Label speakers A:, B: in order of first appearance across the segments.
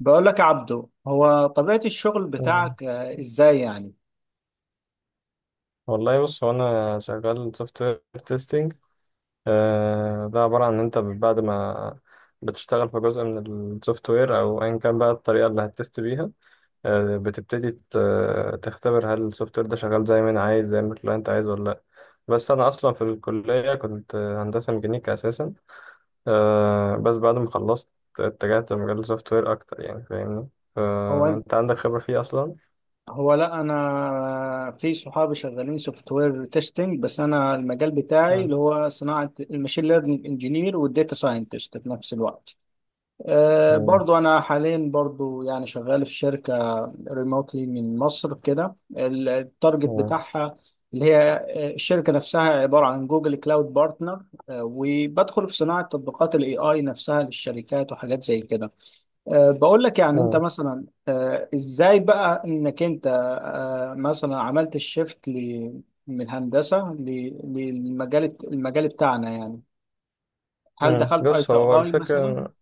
A: بقول لك يا عبدو، هو طبيعة الشغل
B: آه.
A: بتاعك ازاي يعني؟
B: والله بص هو انا شغال سوفت وير تيستنج. ده عباره عن ان انت بعد ما بتشتغل في جزء من السوفت وير او ايا كان بقى الطريقه اللي هتست بيها. بتبتدي تختبر هل السوفت وير ده شغال زي ما انا عايز زي ما الكلاينت عايز ولا لا. بس انا اصلا في الكليه كنت هندسه ميكانيكا اساسا. بس بعد ما خلصت اتجهت لمجال السوفت وير اكتر، يعني فاهمني،
A: هو أنت-
B: فانت عندك خبره فيه اصلا.
A: هو لا، انا في صحابي شغالين سوفت وير تيستنج، بس انا المجال بتاعي
B: مم.
A: اللي هو صناعة الماشين ليرنينج انجينير والداتا ساينتست في نفس الوقت. برضو أنا حاليا برضو يعني شغال في شركة ريموتلي من مصر كده. التارجت
B: مم.
A: بتاعها اللي هي الشركة نفسها عبارة عن جوجل كلاود بارتنر، وبدخل في صناعة تطبيقات الاي اي نفسها للشركات وحاجات زي كده. بقول لك، يعني انت
B: مم.
A: مثلا، ازاي بقى انك انت مثلا عملت الشيفت من هندسة للمجال بتاعنا يعني؟ هل
B: مم.
A: دخلت اي
B: بص،
A: تو
B: هو
A: اي مثلا؟
B: الفكرة،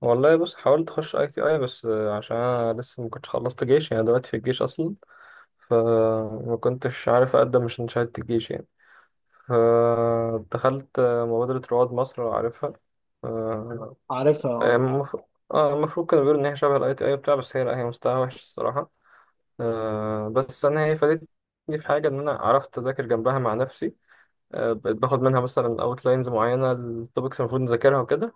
B: والله بص حاولت أخش أي تي أي، بس عشان أنا لسه ما كنتش خلصت جيش، يعني دلوقتي في الجيش أصلا، فما كنتش عارف أقدم عشان شهادة الجيش يعني. فدخلت مبادرة رواد مصر، لو عارفها. آه،
A: عارفها
B: هي
A: اه.
B: المفروض، اه، المفروض كانوا بيقولوا إن هي شبه الأي تي أي بتاع، بس هي لأ، هي مستواها وحش الصراحة. بس أنا هي فادتني في حاجة، إن أنا عرفت أذاكر جنبها مع نفسي. بقيت باخد منها مثلا أوتلاينز معينة، التوبكس المفروض نذاكرها وكده،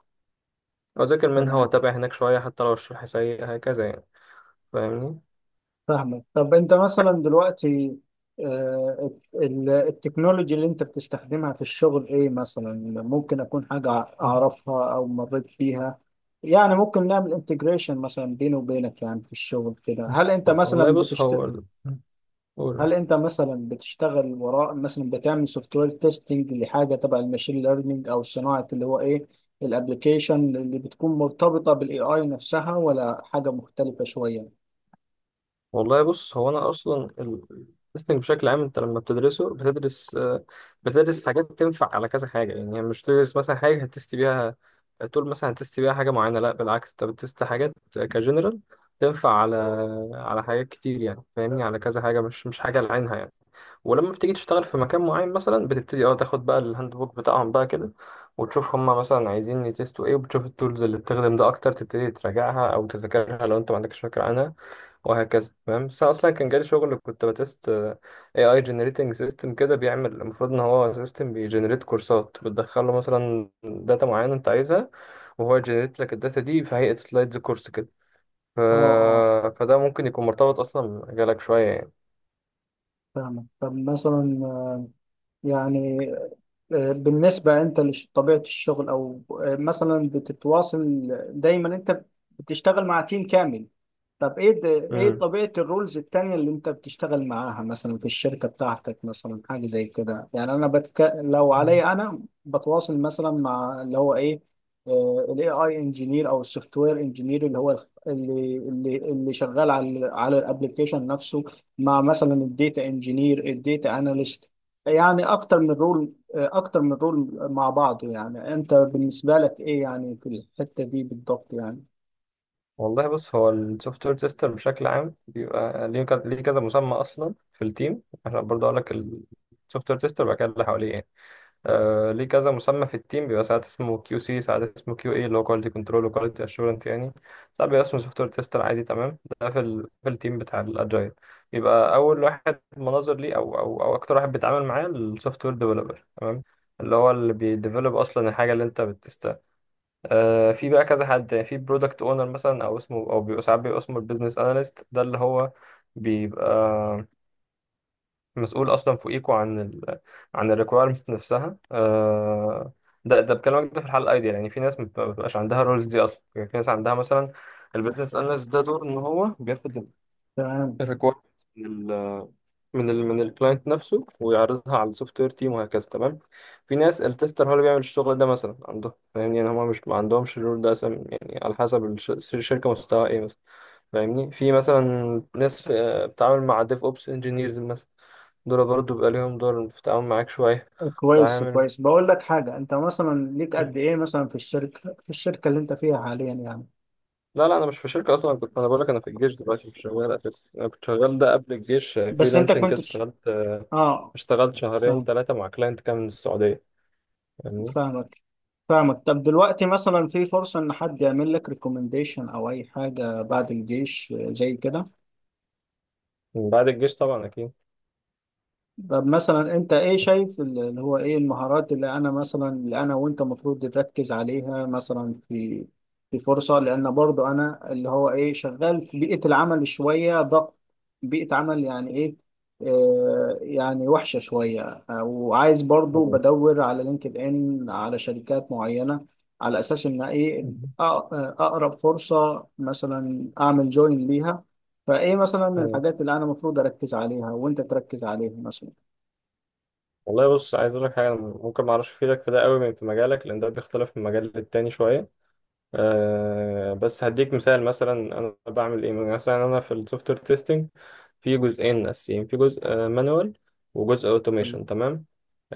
B: أذاكر منها
A: تمام.
B: وأتابع هناك شوية حتى لو الشرح سيء، هكذا يعني، فاهمني.
A: فاهمك. طب انت مثلا دلوقتي التكنولوجي اللي انت بتستخدمها في الشغل ايه؟ مثلا ممكن اكون حاجة
B: مم.
A: اعرفها او مريت بيها، يعني ممكن نعمل انتجريشن مثلا بيني وبينك يعني في الشغل كده.
B: مم. والله قول.
A: هل انت مثلا بتشتغل وراء مثلا بتعمل سوفت وير تيستنج لحاجة تبع الماشين ليرنينج؟ او صناعة اللي هو ايه، الابلكيشن اللي بتكون مرتبطة بالاي اي نفسها، ولا حاجة مختلفة شوية؟
B: والله بص، هو أنا أصلا التستنج بشكل عام، أنت لما بتدرسه بتدرس، بتدرس حاجات تنفع على كذا حاجة، يعني مش بتدرس مثلا حاجة هتست بيها، تقول مثلا هتست بيها حاجة معينة، لا بالعكس، أنت بتست حاجات كجنرال، تنفع على حاجات كتير يعني، فاهمني، على كذا حاجة، مش حاجة لعينها يعني. ولما بتيجي تشتغل في مكان معين مثلا، بتبتدي اه تاخد بقى الهاند بوك بتاعهم بقى كده، وتشوف هما مثلا عايزين يتستوا ايه، وبتشوف التولز اللي بتخدم ده اكتر، تبتدي تراجعها او تذاكرها لو انت ما عندكش فكره عنها، وهكذا، فاهم. بس أنا اصلا كان جالي شغل كنت بتست اي اي جنريتنج سيستم كده، بيعمل، المفروض ان هو سيستم بيجنريت كورسات، بتدخله مثلا داتا معينه انت عايزها، وهو يجنريت لك الداتا دي في هيئه سلايدز كورس كده. ف...
A: اه اه.
B: فده ممكن يكون مرتبط اصلا بمجالك شويه يعني.
A: فاهمك. طب مثلا يعني بالنسبة أنت لطبيعة الشغل، أو مثلا بتتواصل دايما، أنت بتشتغل مع تيم كامل؟ طب ايه ده، ايه طبيعة الرولز التانية اللي انت بتشتغل معاها مثلا في الشركة بتاعتك؟ مثلا حاجة زي كده يعني، انا لو
B: مم.
A: عليا انا، بتواصل مثلا مع اللي هو ايه، الاي اي انجينير او السوفت وير انجينير اللي هو اللي شغال على الابلكيشن نفسه، مع مثلا الديتا انجينير، الديتا اناليست. يعني اكتر من رول، اكتر من رول مع بعضه يعني. انت بالنسبة لك ايه يعني في الحتة دي بالضبط يعني؟
B: والله بص، هو السوفت وير تيستر بشكل عام بيبقى ليه كذا، ليه كذا مسمى اصلا في التيم. احنا برضه اقول لك، السوفت وير تيستر بقى اللي حواليه يعني، آه، ليه كذا مسمى في التيم. بيبقى ساعات اسمه كيو سي، ساعات اسمه كيو اي، اللي هو كواليتي كنترول وكواليتي اشورنس يعني. ساعات بيبقى اسمه سوفت وير تيستر عادي، تمام. ده في في التيم بتاع الاجايل. يبقى اول واحد مناظر ليه، او اكتر واحد بيتعامل معاه السوفت وير ديفلوبر، تمام، اللي هو اللي بيديفلوب اصلا الحاجه اللي انت بتست. في بقى كذا حد يعني، في برودكت اونر مثلا، او اسمه، او بيبقى ساعات بيبقى اسمه البيزنس اناليست. ده اللي هو بيبقى مسؤول اصلا فوقيكوا عن عن الريكويرمنت نفسها. ده بكلمك ده في الحاله الايديال يعني. في ناس ما بتبقاش عندها الرولز دي اصلا يعني، في ناس عندها مثلا البيزنس اناليست ده، دور ان هو بياخد
A: تمام.
B: الريكويرمنت من ال من الكلاينت نفسه، ويعرضها على السوفت وير تيم وهكذا، تمام. في ناس التستر هو اللي بيعمل الشغل ده مثلا عندهم، فاهمني، يعني هما مش ما عندهمش الرول ده أصلا يعني، على حسب الشركه مستواها ايه مثلا، فاهمني. في مثلا ناس بتتعامل مع ديف اوبس انجينيرز مثلا، دول برضه بيبقى ليهم دور في التعامل معاك شويه.
A: كويس
B: تعامل.
A: كويس. بقول لك حاجة، انت مثلا ليك
B: مم.
A: قد ايه مثلا في الشركة، في الشركة اللي انت فيها حاليا يعني؟
B: لا لا، انا مش في شركه اصلا، أنا كنت، انا بقول لك، انا في الجيش دلوقتي مش شغال اساسا، انا كنت شغال ده قبل الجيش
A: بس انت
B: فريلانسنج كده،
A: كنت تش-
B: اشتغلت،
A: اه.
B: اشتغلت شهرين
A: فاهم.
B: ثلاثه مع كلاينت كان من السعوديه، فاهمني؟
A: فاهمك. فاهمك. طب دلوقتي مثلا، في فرصة ان حد يعمل لك ريكومنديشن او اي حاجة بعد الجيش زي كده؟
B: من بعد الجيش طبعا أكيد.
A: طب مثلا انت ايه شايف اللي هو ايه، المهارات اللي انا مثلا، اللي انا وانت المفروض نركز عليها مثلا في في فرصة؟ لان برضو انا اللي هو ايه، شغال في بيئة العمل شوية ضغط، بيئة عمل يعني ايه، آه يعني وحشة شوية. وعايز برضو
B: مم.
A: بدور على لينكد ان على شركات معينة، على اساس ان ايه، اقرب فرصة مثلا اعمل جوين ليها. فايه مثلا
B: مم.
A: الحاجات اللي انا المفروض اركز عليها وانت تركز عليها مثلا؟
B: والله بص، عايز أقول لك حاجة، أنا ممكن ما أعرفش أفيدك في ده قوي من في مجالك، لأن ده بيختلف من مجال للتاني شوية. بس هديك مثال مثلا، انا بعمل ايه مثلا، انا في السوفت وير تيستنج في جزئين اساسيين، في جزء مانوال وجزء
A: تم-
B: اوتوميشن، تمام.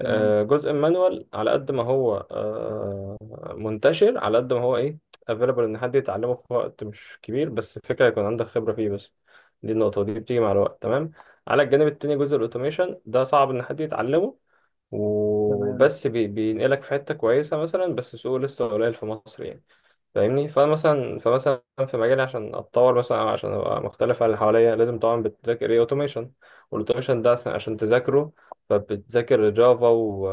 A: تمام.
B: جزء المانوال على قد ما هو منتشر، على قد ما هو ايه، افيلبل، ان حد يتعلمه في وقت مش كبير، بس الفكره يكون عندك خبره فيه بس، دي النقطه دي بتيجي مع الوقت، تمام. على الجانب التاني جزء الاوتوميشن، ده صعب ان حد يتعلمه،
A: تمام.
B: وبس بينقلك في حته كويسه مثلا، بس سوقه لسه قليل في مصر يعني، فاهمني. فمثلا في مجالي عشان اتطور مثلا، أو عشان ابقى مختلف عن اللي حواليا، لازم طبعا بتذاكر ايه، اوتوميشن. والاوتوميشن ده عشان تذاكره، فبتذاكر جافا و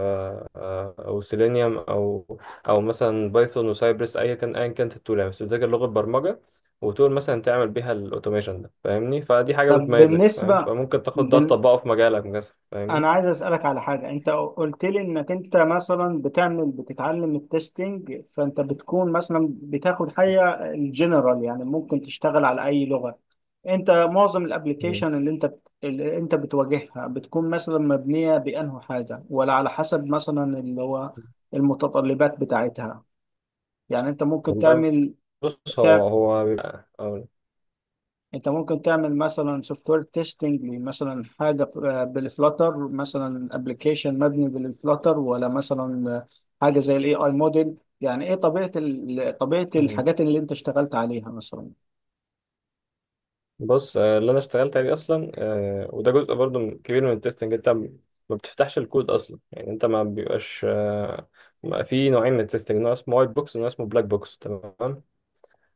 B: او سيلينيوم، او او مثلا بايثون وسايبرس، ايا كان، ايا كانت التول يعني، بس بتذاكر لغه برمجه، وتقول مثلا تعمل بيها الاوتوميشن ده، فاهمني، فدي حاجه
A: طب
B: بتميزك، فاهم،
A: بالنسبة،
B: فممكن تاخد ده
A: بال...
B: تطبقه في مجالك مثلا،
A: أنا
B: فاهمني.
A: عايز أسألك على حاجة. أنت قلت لي إنك أنت مثلا بتعمل بتتعلم التستنج، فأنت بتكون مثلا بتاخد حاجة الجنرال يعني، ممكن تشتغل على أي لغة؟ أنت معظم
B: مم.
A: الأبليكيشن اللي اللي أنت بتواجهها بتكون مثلا مبنية بأنه حاجة، ولا على حسب مثلا اللي هو المتطلبات بتاعتها؟ يعني أنت ممكن
B: والله
A: تعمل،
B: بص، هو أقول
A: انت ممكن تعمل مثلا سوفت وير تيستنج مثلا حاجه بالفلاتر، مثلا ابلكيشن مبني بالفلاتر، ولا مثلا حاجه زي الاي اي موديل؟ يعني ايه طبيعه طبيعه
B: لك.
A: الحاجات اللي انت اشتغلت عليها مثلا؟
B: بص، اللي انا اشتغلت عليه اصلا، وده جزء برضو كبير من التستنج. انت ما بتفتحش الكود اصلا يعني، انت ما بيبقاش في نوعين من التستنج، نوع اسمه وايت بوكس ونوع اسمه بلاك بوكس، تمام.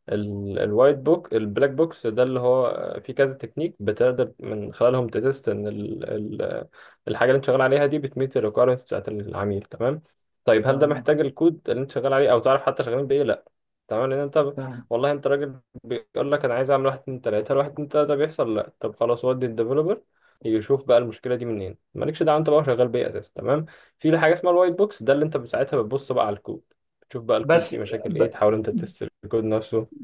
B: ال- الوايت بوك البلاك بوكس ده اللي هو في كذا تكنيك بتقدر من خلالهم تتست ان ال الحاجه اللي انت شغال عليها دي بتميت الريكويرمنتس بتاعت العميل، تمام. طيب هل ده
A: تمام.
B: محتاج الكود اللي انت شغال عليه او تعرف حتى شغالين بايه؟ لا، تمام، لان
A: فاهم.
B: والله انت راجل بيقول لك انا عايز اعمل واحد اتنين تلاته، هل واحد اتنين تلاته بيحصل؟ لا، طب خلاص، ودي الديفلوبر يشوف بقى المشكله دي منين، مالكش دعوه انت بقى شغال بايه اساسا، تمام. في حاجه اسمها الوايت بوكس، ده اللي انت ساعتها بتبص بقى على الكود، تشوف بقى الكود
A: بس
B: فيه مشاكل
A: ب-
B: ايه، تحاول انت تست الكود نفسه.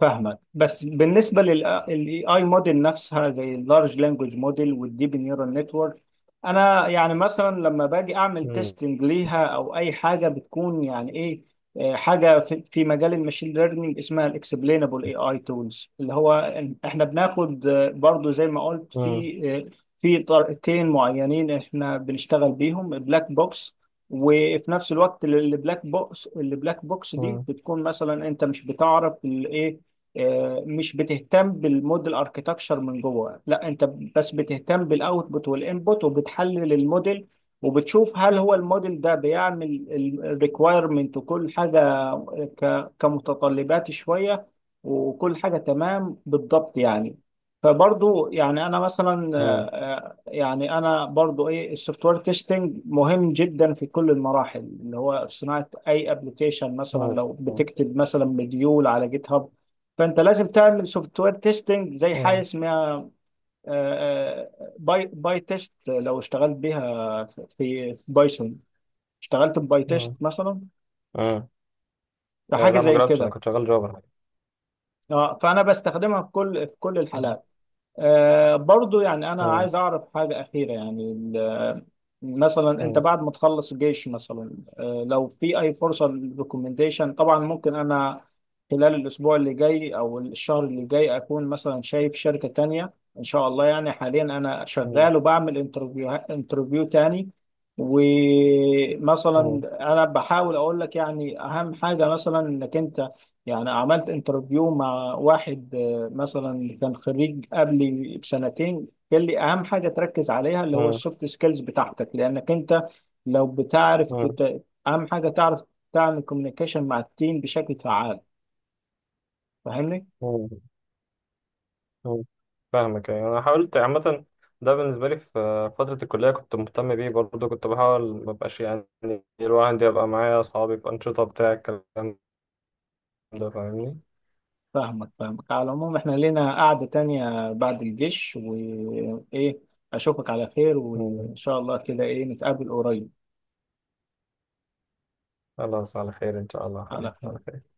A: فاهمك. بس بالنسبه للاي اي موديل نفسها زي اللارج لانجوج موديل والديب نيورال نتورك، انا يعني مثلا لما باجي اعمل
B: مم.
A: تيستنج ليها او اي حاجه، بتكون يعني ايه حاجه في في مجال الماشين ليرنينج اسمها الاكسبلينبل اي اي تولز، اللي هو احنا بناخد برضو زي ما قلت
B: مم.
A: في آه، في طريقتين معينين احنا بنشتغل بيهم، بلاك بوكس، وفي نفس الوقت البلاك بوكس، دي
B: مم.
A: بتكون مثلا انت مش بتعرف الايه، مش بتهتم بالموديل اركيتكشر من جوه، لا انت بس بتهتم بالاوتبوت والانبوت، وبتحلل الموديل وبتشوف هل هو الموديل ده بيعمل الريكوايرمنت وكل حاجه، كمتطلبات شويه، وكل حاجه تمام بالضبط يعني. فبرضو يعني انا مثلا،
B: مم.
A: يعني انا برضو ايه، السوفت وير تيستنج مهم جدا في كل المراحل اللي هو في صناعه اي ابلكيشن. مثلا
B: مم.
A: لو
B: مم.
A: بتكتب مثلا مديول على جيت هاب، فانت لازم تعمل سوفت وير تيستنج زي حاجه
B: مم.
A: اسمها باي، باي تيست. لو اشتغلت بيها في في بايثون، اشتغلت بباي تيست مثلا،
B: مم.
A: فحاجه
B: لا، ما
A: زي
B: جربتش، انا
A: كده.
B: كنت شغال جوبر.
A: اه، فانا بستخدمها في كل في كل
B: مم.
A: الحالات. آه برضو، يعني أنا
B: مم.
A: عايز أعرف حاجة أخيرة يعني مثلا أنت
B: مم.
A: بعد ما تخلص الجيش مثلا، آه لو في أي فرصة للريكومنديشن طبعا. ممكن أنا خلال الأسبوع اللي جاي أو الشهر اللي جاي أكون مثلا شايف شركة تانية إن شاء الله. يعني حاليا أنا
B: مم.
A: شغال وبعمل انترفيو، تاني
B: مم.
A: ومثلا، أنا بحاول أقول لك يعني أهم حاجة مثلا، إنك أنت يعني، عملت انترفيو مع واحد مثلا كان خريج قبلي بسنتين، قال لي اهم حاجه تركز عليها اللي هو
B: مم.
A: السوفت سكيلز بتاعتك، لانك انت لو بتعرف
B: مم.
A: اهم حاجه تعرف تعمل كوميونيكيشن مع التيم بشكل فعال. فاهمني؟
B: مم. مم. فاهمك. يعني انا حاولت عامه، ده بالنسبه لي في فتره الكليه كنت مهتم بيه برضه، كنت بحاول ما ابقاش يعني، الواحد يبقى معايا اصحابي في انشطه بتاع الكلام ده، فاهمني.
A: فاهمك. فاهمك. على العموم، احنا لينا قعده تانية بعد الجيش وايه، اشوفك على خير،
B: مم.
A: وان شاء الله كده ايه نتقابل قريب.
B: خلاص، على خير ان شاء الله،
A: على
B: حبيبي، على
A: خير.
B: خير.